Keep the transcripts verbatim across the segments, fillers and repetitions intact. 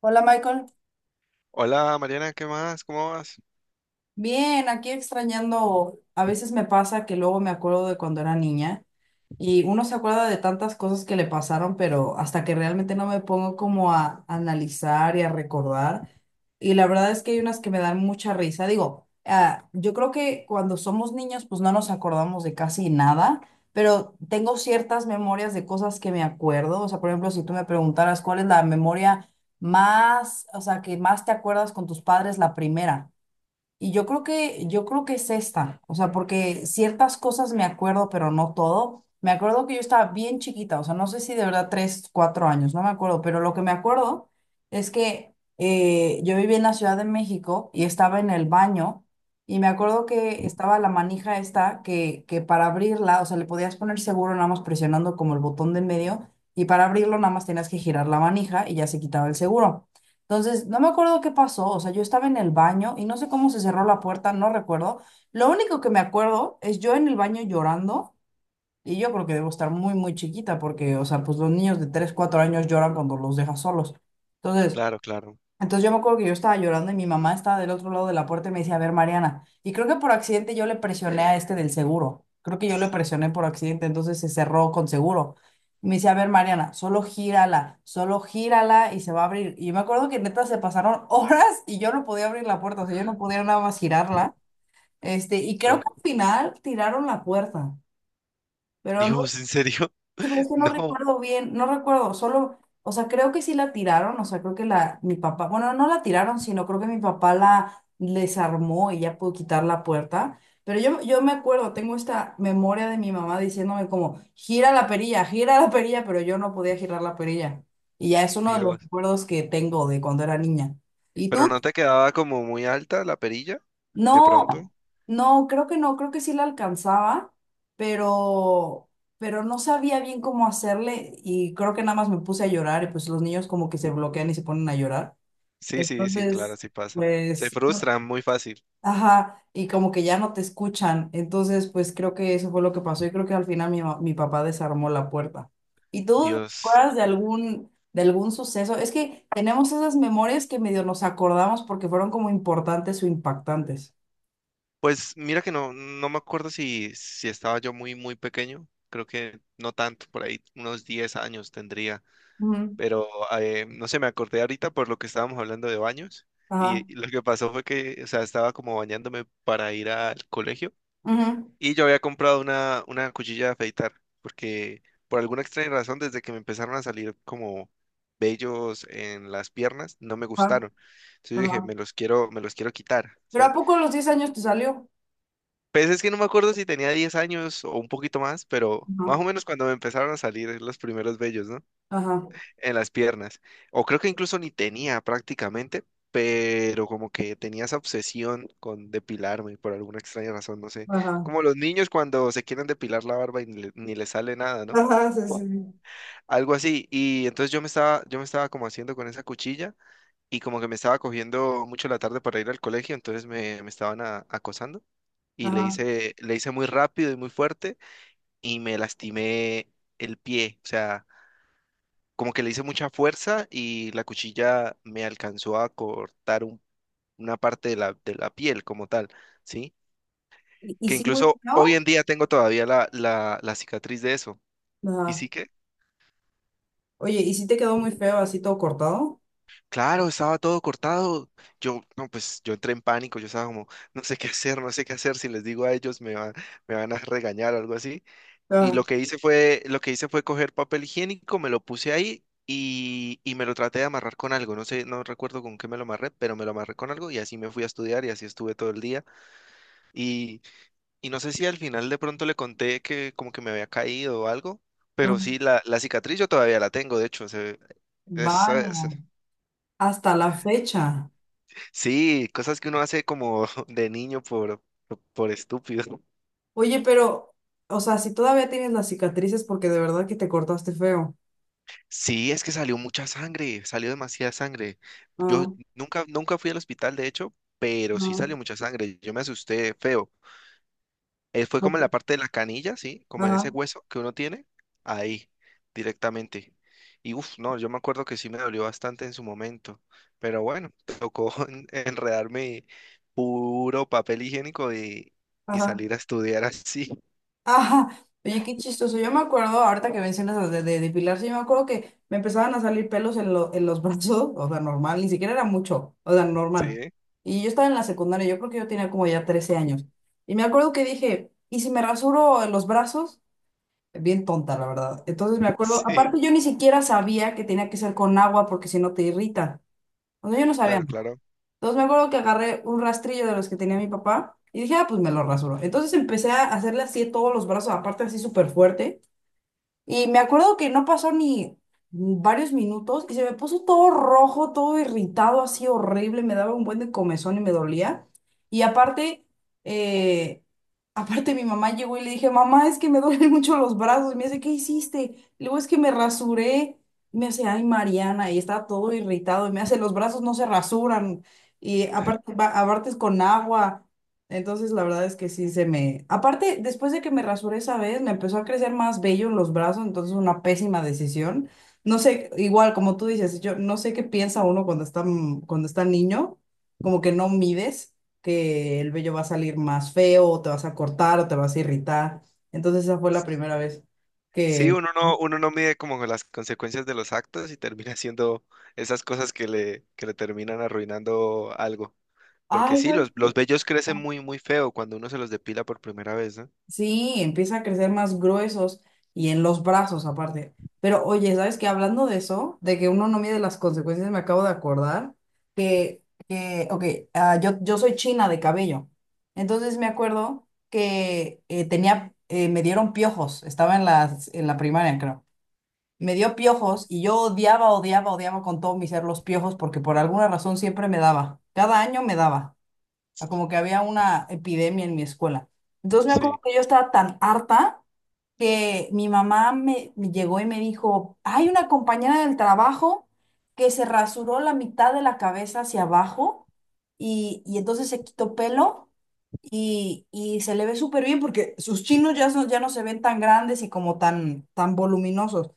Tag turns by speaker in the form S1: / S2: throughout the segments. S1: Hola Michael.
S2: Hola Mariana, ¿qué más? ¿Cómo vas?
S1: Bien, aquí extrañando, a veces me pasa que luego me acuerdo de cuando era niña y uno se acuerda de tantas cosas que le pasaron, pero hasta que realmente no me pongo como a analizar y a recordar. Y la verdad es que hay unas que me dan mucha risa. Digo, ah, yo creo que cuando somos niños pues no nos acordamos de casi nada, pero tengo ciertas memorias de cosas que me acuerdo. O sea, por ejemplo, si tú me preguntaras cuál es la memoria más, o sea, que más te acuerdas con tus padres, la primera. Y yo creo que, yo creo que es esta, o sea, porque ciertas cosas me acuerdo, pero no todo. Me acuerdo que yo estaba bien chiquita, o sea, no sé si de verdad tres, cuatro años, no me acuerdo, pero lo que me acuerdo es que eh, yo vivía en la Ciudad de México y estaba en el baño y me acuerdo que estaba la manija esta que, que para abrirla, o sea, le podías poner seguro nada más presionando como el botón de en medio y para abrirlo nada más tenías que girar la manija y ya se quitaba el seguro. Entonces, no me acuerdo qué pasó, o sea, yo estaba en el baño y no sé cómo se cerró la puerta, no recuerdo. Lo único que me acuerdo es yo en el baño llorando y yo creo que debo estar muy, muy chiquita porque, o sea, pues los niños de tres cuatro años lloran cuando los dejas solos. Entonces,
S2: Claro, claro.
S1: entonces yo me acuerdo que yo estaba llorando y mi mamá estaba del otro lado de la puerta y me decía, a ver, Mariana, y creo que por accidente yo le presioné a este del seguro, creo que yo le presioné por accidente, entonces se cerró con seguro. Y me decía, a ver, Mariana, solo gírala, solo gírala y se va a abrir. Y me acuerdo que neta se pasaron horas y yo no podía abrir la puerta, o sea, yo no podía nada más girarla. Este, y creo
S2: No.
S1: que al final tiraron la puerta, pero no.
S2: Dios, ¿en serio?
S1: Sí, pero es que no
S2: No,
S1: recuerdo bien, no recuerdo, solo, o sea, creo que sí la tiraron, o sea, creo que la, mi papá, bueno, no la tiraron, sino creo que mi papá la desarmó y ya pudo quitar la puerta, pero yo, yo me acuerdo, tengo esta memoria de mi mamá diciéndome como, gira la perilla, gira la perilla, pero yo no podía girar la perilla, y ya es uno de los
S2: Dios.
S1: recuerdos que tengo de cuando era niña. ¿Y
S2: ¿Pero
S1: tú?
S2: no te quedaba como muy alta la perilla de pronto?
S1: No, no, creo que no, creo que sí la alcanzaba, pero, pero no sabía bien cómo hacerle y creo que nada más me puse a llorar y pues los niños como que se bloquean y se ponen a llorar.
S2: Sí, sí, sí, claro,
S1: Entonces,
S2: sí pasa. Se
S1: pues,
S2: frustran muy fácil.
S1: ajá, y como que ya no te escuchan. Entonces, pues creo que eso fue lo que pasó y creo que al final mi, ma- mi papá desarmó la puerta. ¿Y tú te
S2: Dios.
S1: acuerdas de algún, de algún suceso? Es que tenemos esas memorias que medio nos acordamos porque fueron como importantes o impactantes.
S2: Pues mira que no, no me acuerdo si, si estaba yo muy, muy pequeño. Creo que no tanto, por ahí unos diez años tendría. Pero eh, no sé, me acordé ahorita por lo que estábamos hablando de baños.
S1: Ajá,
S2: Y lo que pasó fue que, o sea, estaba como bañándome para ir al colegio.
S1: ujú,
S2: Y yo había comprado una, una cuchilla de afeitar, porque por alguna extraña razón, desde que me empezaron a salir como vellos en las piernas, no me
S1: ajá,
S2: gustaron. Entonces yo dije,
S1: ajá.
S2: me los quiero, me los quiero quitar,
S1: ¿Pero a
S2: ¿sí?
S1: poco a los diez años te salió?
S2: Pues es que no me acuerdo si tenía diez años o un poquito más, pero
S1: Ajá,
S2: más o menos cuando me empezaron a salir los primeros vellos, ¿no?
S1: ajá,
S2: En las piernas. O creo que incluso ni tenía prácticamente, pero como que tenía esa obsesión con depilarme por alguna extraña razón, no sé.
S1: ajá,
S2: Como los niños cuando se quieren depilar la barba y ni, le- ni les sale nada, ¿no?
S1: ajá, sí, sí, sí,
S2: Algo así. Y entonces yo me estaba, yo me estaba como haciendo con esa cuchilla y como que me estaba cogiendo mucho la tarde para ir al colegio, entonces me, me estaban a- acosando y le
S1: ajá.
S2: hice, le hice muy rápido y muy fuerte y me lastimé el pie, o sea, como que le hice mucha fuerza y la cuchilla me alcanzó a cortar un- una parte de la, de la piel como tal, ¿sí?
S1: ¿Y, y
S2: Que
S1: sí muy
S2: incluso
S1: feo?
S2: hoy en día tengo todavía la, la, la cicatriz de eso. Y
S1: Ajá.
S2: sí que,
S1: Oye, ¿y sí te quedó muy feo así todo cortado?
S2: claro, estaba todo cortado. Yo, no, pues yo entré en pánico, yo estaba como, no sé qué hacer, no sé qué hacer, si les digo a ellos me va- me van a regañar o algo así. Y
S1: Ajá,
S2: lo que hice fue, lo que hice fue coger papel higiénico, me lo puse ahí y, y me lo traté de amarrar con algo. No sé, no recuerdo con qué me lo amarré, pero me lo amarré con algo y así me fui a estudiar y así estuve todo el día. Y, y no sé si al final de pronto le conté que como que me había caído o algo, pero
S1: ajá.
S2: sí, la, la cicatriz yo todavía la tengo, de hecho. se- es-
S1: Vaya,
S2: es-
S1: hasta la fecha.
S2: sí, cosas que uno hace como de niño por, por estúpido.
S1: Oye, pero, o sea, si todavía tienes las cicatrices porque de verdad que te cortaste feo.
S2: Sí, es que salió mucha sangre, salió demasiada sangre. Yo
S1: Ajá,
S2: nunca, nunca fui al hospital, de hecho, pero sí
S1: ajá,
S2: salió mucha sangre. Yo me asusté feo. Eh, fue como en
S1: oye,
S2: la parte de la canilla, ¿sí? Como en ese
S1: ajá,
S2: hueso que uno tiene, ahí, directamente. Y uff, no, yo me acuerdo que sí me dolió bastante en su momento. Pero bueno, tocó en- enredarme puro papel higiénico y, y
S1: ajá.
S2: salir a estudiar así.
S1: Ajá, oye, qué chistoso. Yo me acuerdo, ahorita que mencionas lo de, de depilarse, yo me acuerdo que me empezaban a salir pelos en, lo- en los brazos, o sea, normal, ni siquiera era mucho, o sea, normal.
S2: Sí,
S1: Y yo estaba en la secundaria, yo creo que yo tenía como ya trece años. Y me acuerdo que dije, ¿y si me rasuro en los brazos? Bien tonta, la verdad. Entonces me acuerdo,
S2: sí,
S1: aparte yo ni siquiera sabía que tenía que ser con agua porque si no te irrita. O sea, yo no sabía.
S2: claro, claro.
S1: Entonces me acuerdo que agarré un rastrillo de los que tenía mi papá y dije, ah, pues me lo rasuro. Entonces empecé a hacerle así todos los brazos, aparte así súper fuerte. Y me acuerdo que no pasó ni varios minutos y se me puso todo rojo, todo irritado, así horrible, me daba un buen de comezón y me dolía. Y aparte, eh, aparte mi mamá llegó y le dije, mamá, es que me duelen mucho los brazos. Y me dice, ¿qué hiciste? Y luego es que me rasuré. Y me hace, ay, Mariana, y está todo irritado. Y me hace, los brazos no se rasuran. Y aparte, ba- aparte es con agua. Entonces, la verdad es que sí se me... Aparte, después de que me rasuré esa vez, me empezó a crecer más vello en los brazos, entonces una pésima decisión. No sé, igual como tú dices, yo no sé qué piensa uno cuando está, m- cuando está niño, como que no mides que el vello va a salir más feo, o te vas a cortar, o te vas a irritar. Entonces, esa fue la primera vez
S2: Sí,
S1: que...
S2: uno no, uno no mide como las consecuencias de los actos y termina haciendo esas cosas que le, que le terminan arruinando algo. Porque
S1: Ay,
S2: sí,
S1: ¿sabes
S2: los, los
S1: qué?
S2: vellos crecen muy, muy feo cuando uno se los depila por primera vez, ¿no?
S1: Sí, empieza a crecer más gruesos y en los brazos aparte. Pero oye, ¿sabes qué? Hablando de eso, de que uno no mide las consecuencias, me acabo de acordar que, que ok, ah, yo, yo soy china de cabello. Entonces me acuerdo que eh, tenía, eh, me dieron piojos, estaba en la, en la primaria, creo. Me dio piojos y yo odiaba, odiaba, odiaba con todo mi ser los piojos porque por alguna razón siempre me daba. Cada año me daba a como que había una epidemia en mi escuela. Entonces me acuerdo
S2: Sí,
S1: que yo estaba tan harta que mi mamá me, me llegó y me dijo, hay una compañera del trabajo que se rasuró la mitad de la cabeza hacia abajo y, y entonces se quitó pelo y, y se le ve súper bien porque sus chinos ya, son- ya no se ven tan grandes y como tan, tan voluminosos.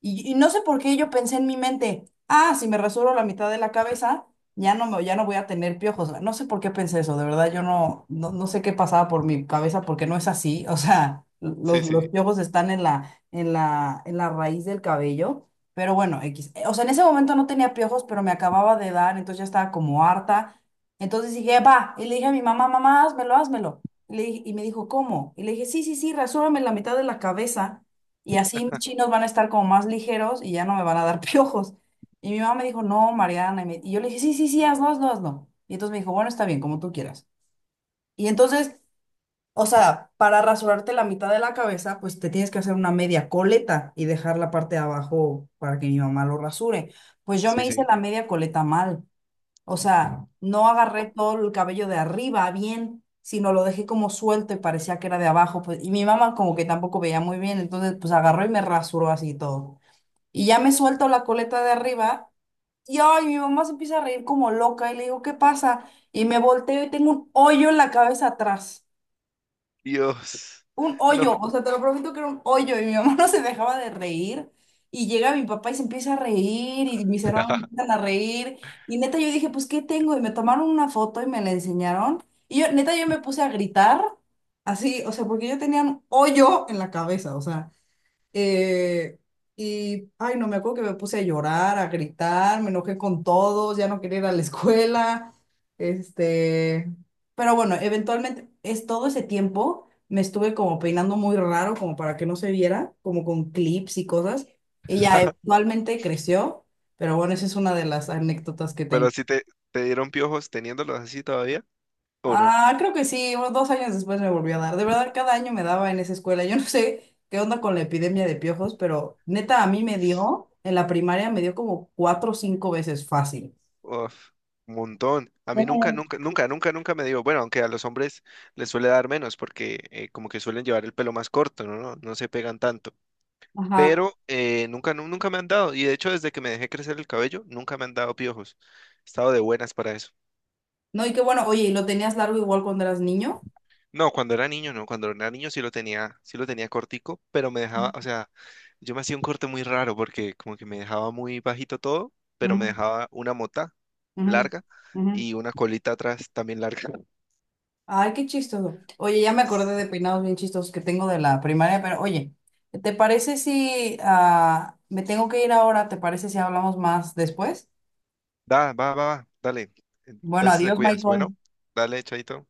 S1: Y, y no sé por qué yo pensé en mi mente, ah, si me rasuro la mitad de la cabeza, ya no me, ya no voy a tener piojos. No sé por qué pensé eso, de verdad, yo no, no, no sé qué pasaba por mi cabeza porque no es así. O sea,
S2: sí,
S1: los, los
S2: sí,
S1: piojos están en la, en la, en la raíz del cabello. Pero bueno, X. O sea, en ese momento no tenía piojos, pero me acababa de dar, entonces ya estaba como harta. Entonces dije, va, y le dije a mi mamá, mamá, házmelo, házmelo. Y, le dije- y me dijo, ¿cómo? Y le dije, sí, sí, sí, rasúrame la mitad de la cabeza. Y así mis chinos van a estar como más ligeros y ya no me van a dar piojos. Y mi mamá me dijo, no, Mariana. Y, me- y yo le dije, sí, sí, sí, hazlo, hazlo, hazlo. Y entonces me dijo, bueno, está bien, como tú quieras. Y entonces, o sea, para rasurarte la mitad de la cabeza, pues te tienes que hacer una media coleta y dejar la parte de abajo para que mi mamá lo rasure. Pues yo
S2: sí,
S1: me hice
S2: sí.
S1: la media coleta mal. O sea, no
S2: Oh,
S1: agarré todo el cabello de arriba bien, sino lo dejé como suelto y parecía que era de abajo. Pues, y mi mamá como que tampoco veía muy bien, entonces pues agarró y me rasuró así todo. Y ya me suelto la coleta de arriba y ay, mi mamá se empieza a reír como loca y le digo, ¿qué pasa? Y me volteo y tengo un hoyo en la cabeza atrás,
S2: Dios.
S1: un
S2: No,
S1: hoyo, o sea, te lo prometo que era un hoyo y mi mamá no se dejaba de reír y llega mi papá y se empieza a reír y mis hermanos empiezan a reír y neta yo dije, pues, ¿qué tengo? Y me tomaron una foto y me la enseñaron y yo, neta yo me puse a gritar así, o sea, porque yo tenía un hoyo en la cabeza, o sea. Eh, y, ay, no me acuerdo que me puse a llorar, a gritar, me enojé con todos, ya no quería ir a la escuela. Este, pero bueno, eventualmente es todo ese tiempo me estuve como peinando muy raro, como para que no se viera, como con clips y cosas. Y ya eventualmente creció, pero bueno, esa es una de las anécdotas que
S2: pero
S1: tengo.
S2: si te, te dieron piojos teniéndolos así todavía, ¿o no?
S1: Ah, creo que sí, unos dos años después me volvió a dar. De verdad, cada año me daba en esa escuela. Yo no sé qué onda con la epidemia de piojos, pero neta, a mí me dio, en la primaria me dio como cuatro o cinco veces fácil.
S2: Uf, un montón. A mí nunca,
S1: Ujú.
S2: nunca, nunca, nunca, nunca me dio. Bueno, aunque a los hombres les suele dar menos porque eh, como que suelen llevar el pelo más corto, ¿no? No, no se pegan tanto.
S1: Ajá.
S2: Pero eh, nunca, nu- nunca me han dado. Y de hecho, desde que me dejé crecer el cabello, nunca me han dado piojos. He estado de buenas para eso.
S1: No, y qué bueno, oye, ¿y lo tenías largo igual cuando eras niño?
S2: No, cuando era niño, no, cuando era niño sí lo tenía, sí lo tenía cortico, pero me dejaba, o sea, yo me hacía un corte muy raro porque como que me dejaba muy bajito todo, pero me
S1: Ujú,
S2: dejaba una mota
S1: ujú,
S2: larga
S1: ujú.
S2: y una colita atrás también larga.
S1: Ay, qué chistoso. Oye, ya me acordé de peinados bien chistosos que tengo de la primaria, pero oye, ¿te parece si ah, me tengo que ir ahora? ¿Te parece si hablamos más después?
S2: Va, va, va, va, dale.
S1: Bueno,
S2: Entonces te
S1: adiós,
S2: cuidas. Bueno,
S1: Michael.
S2: dale, chaito.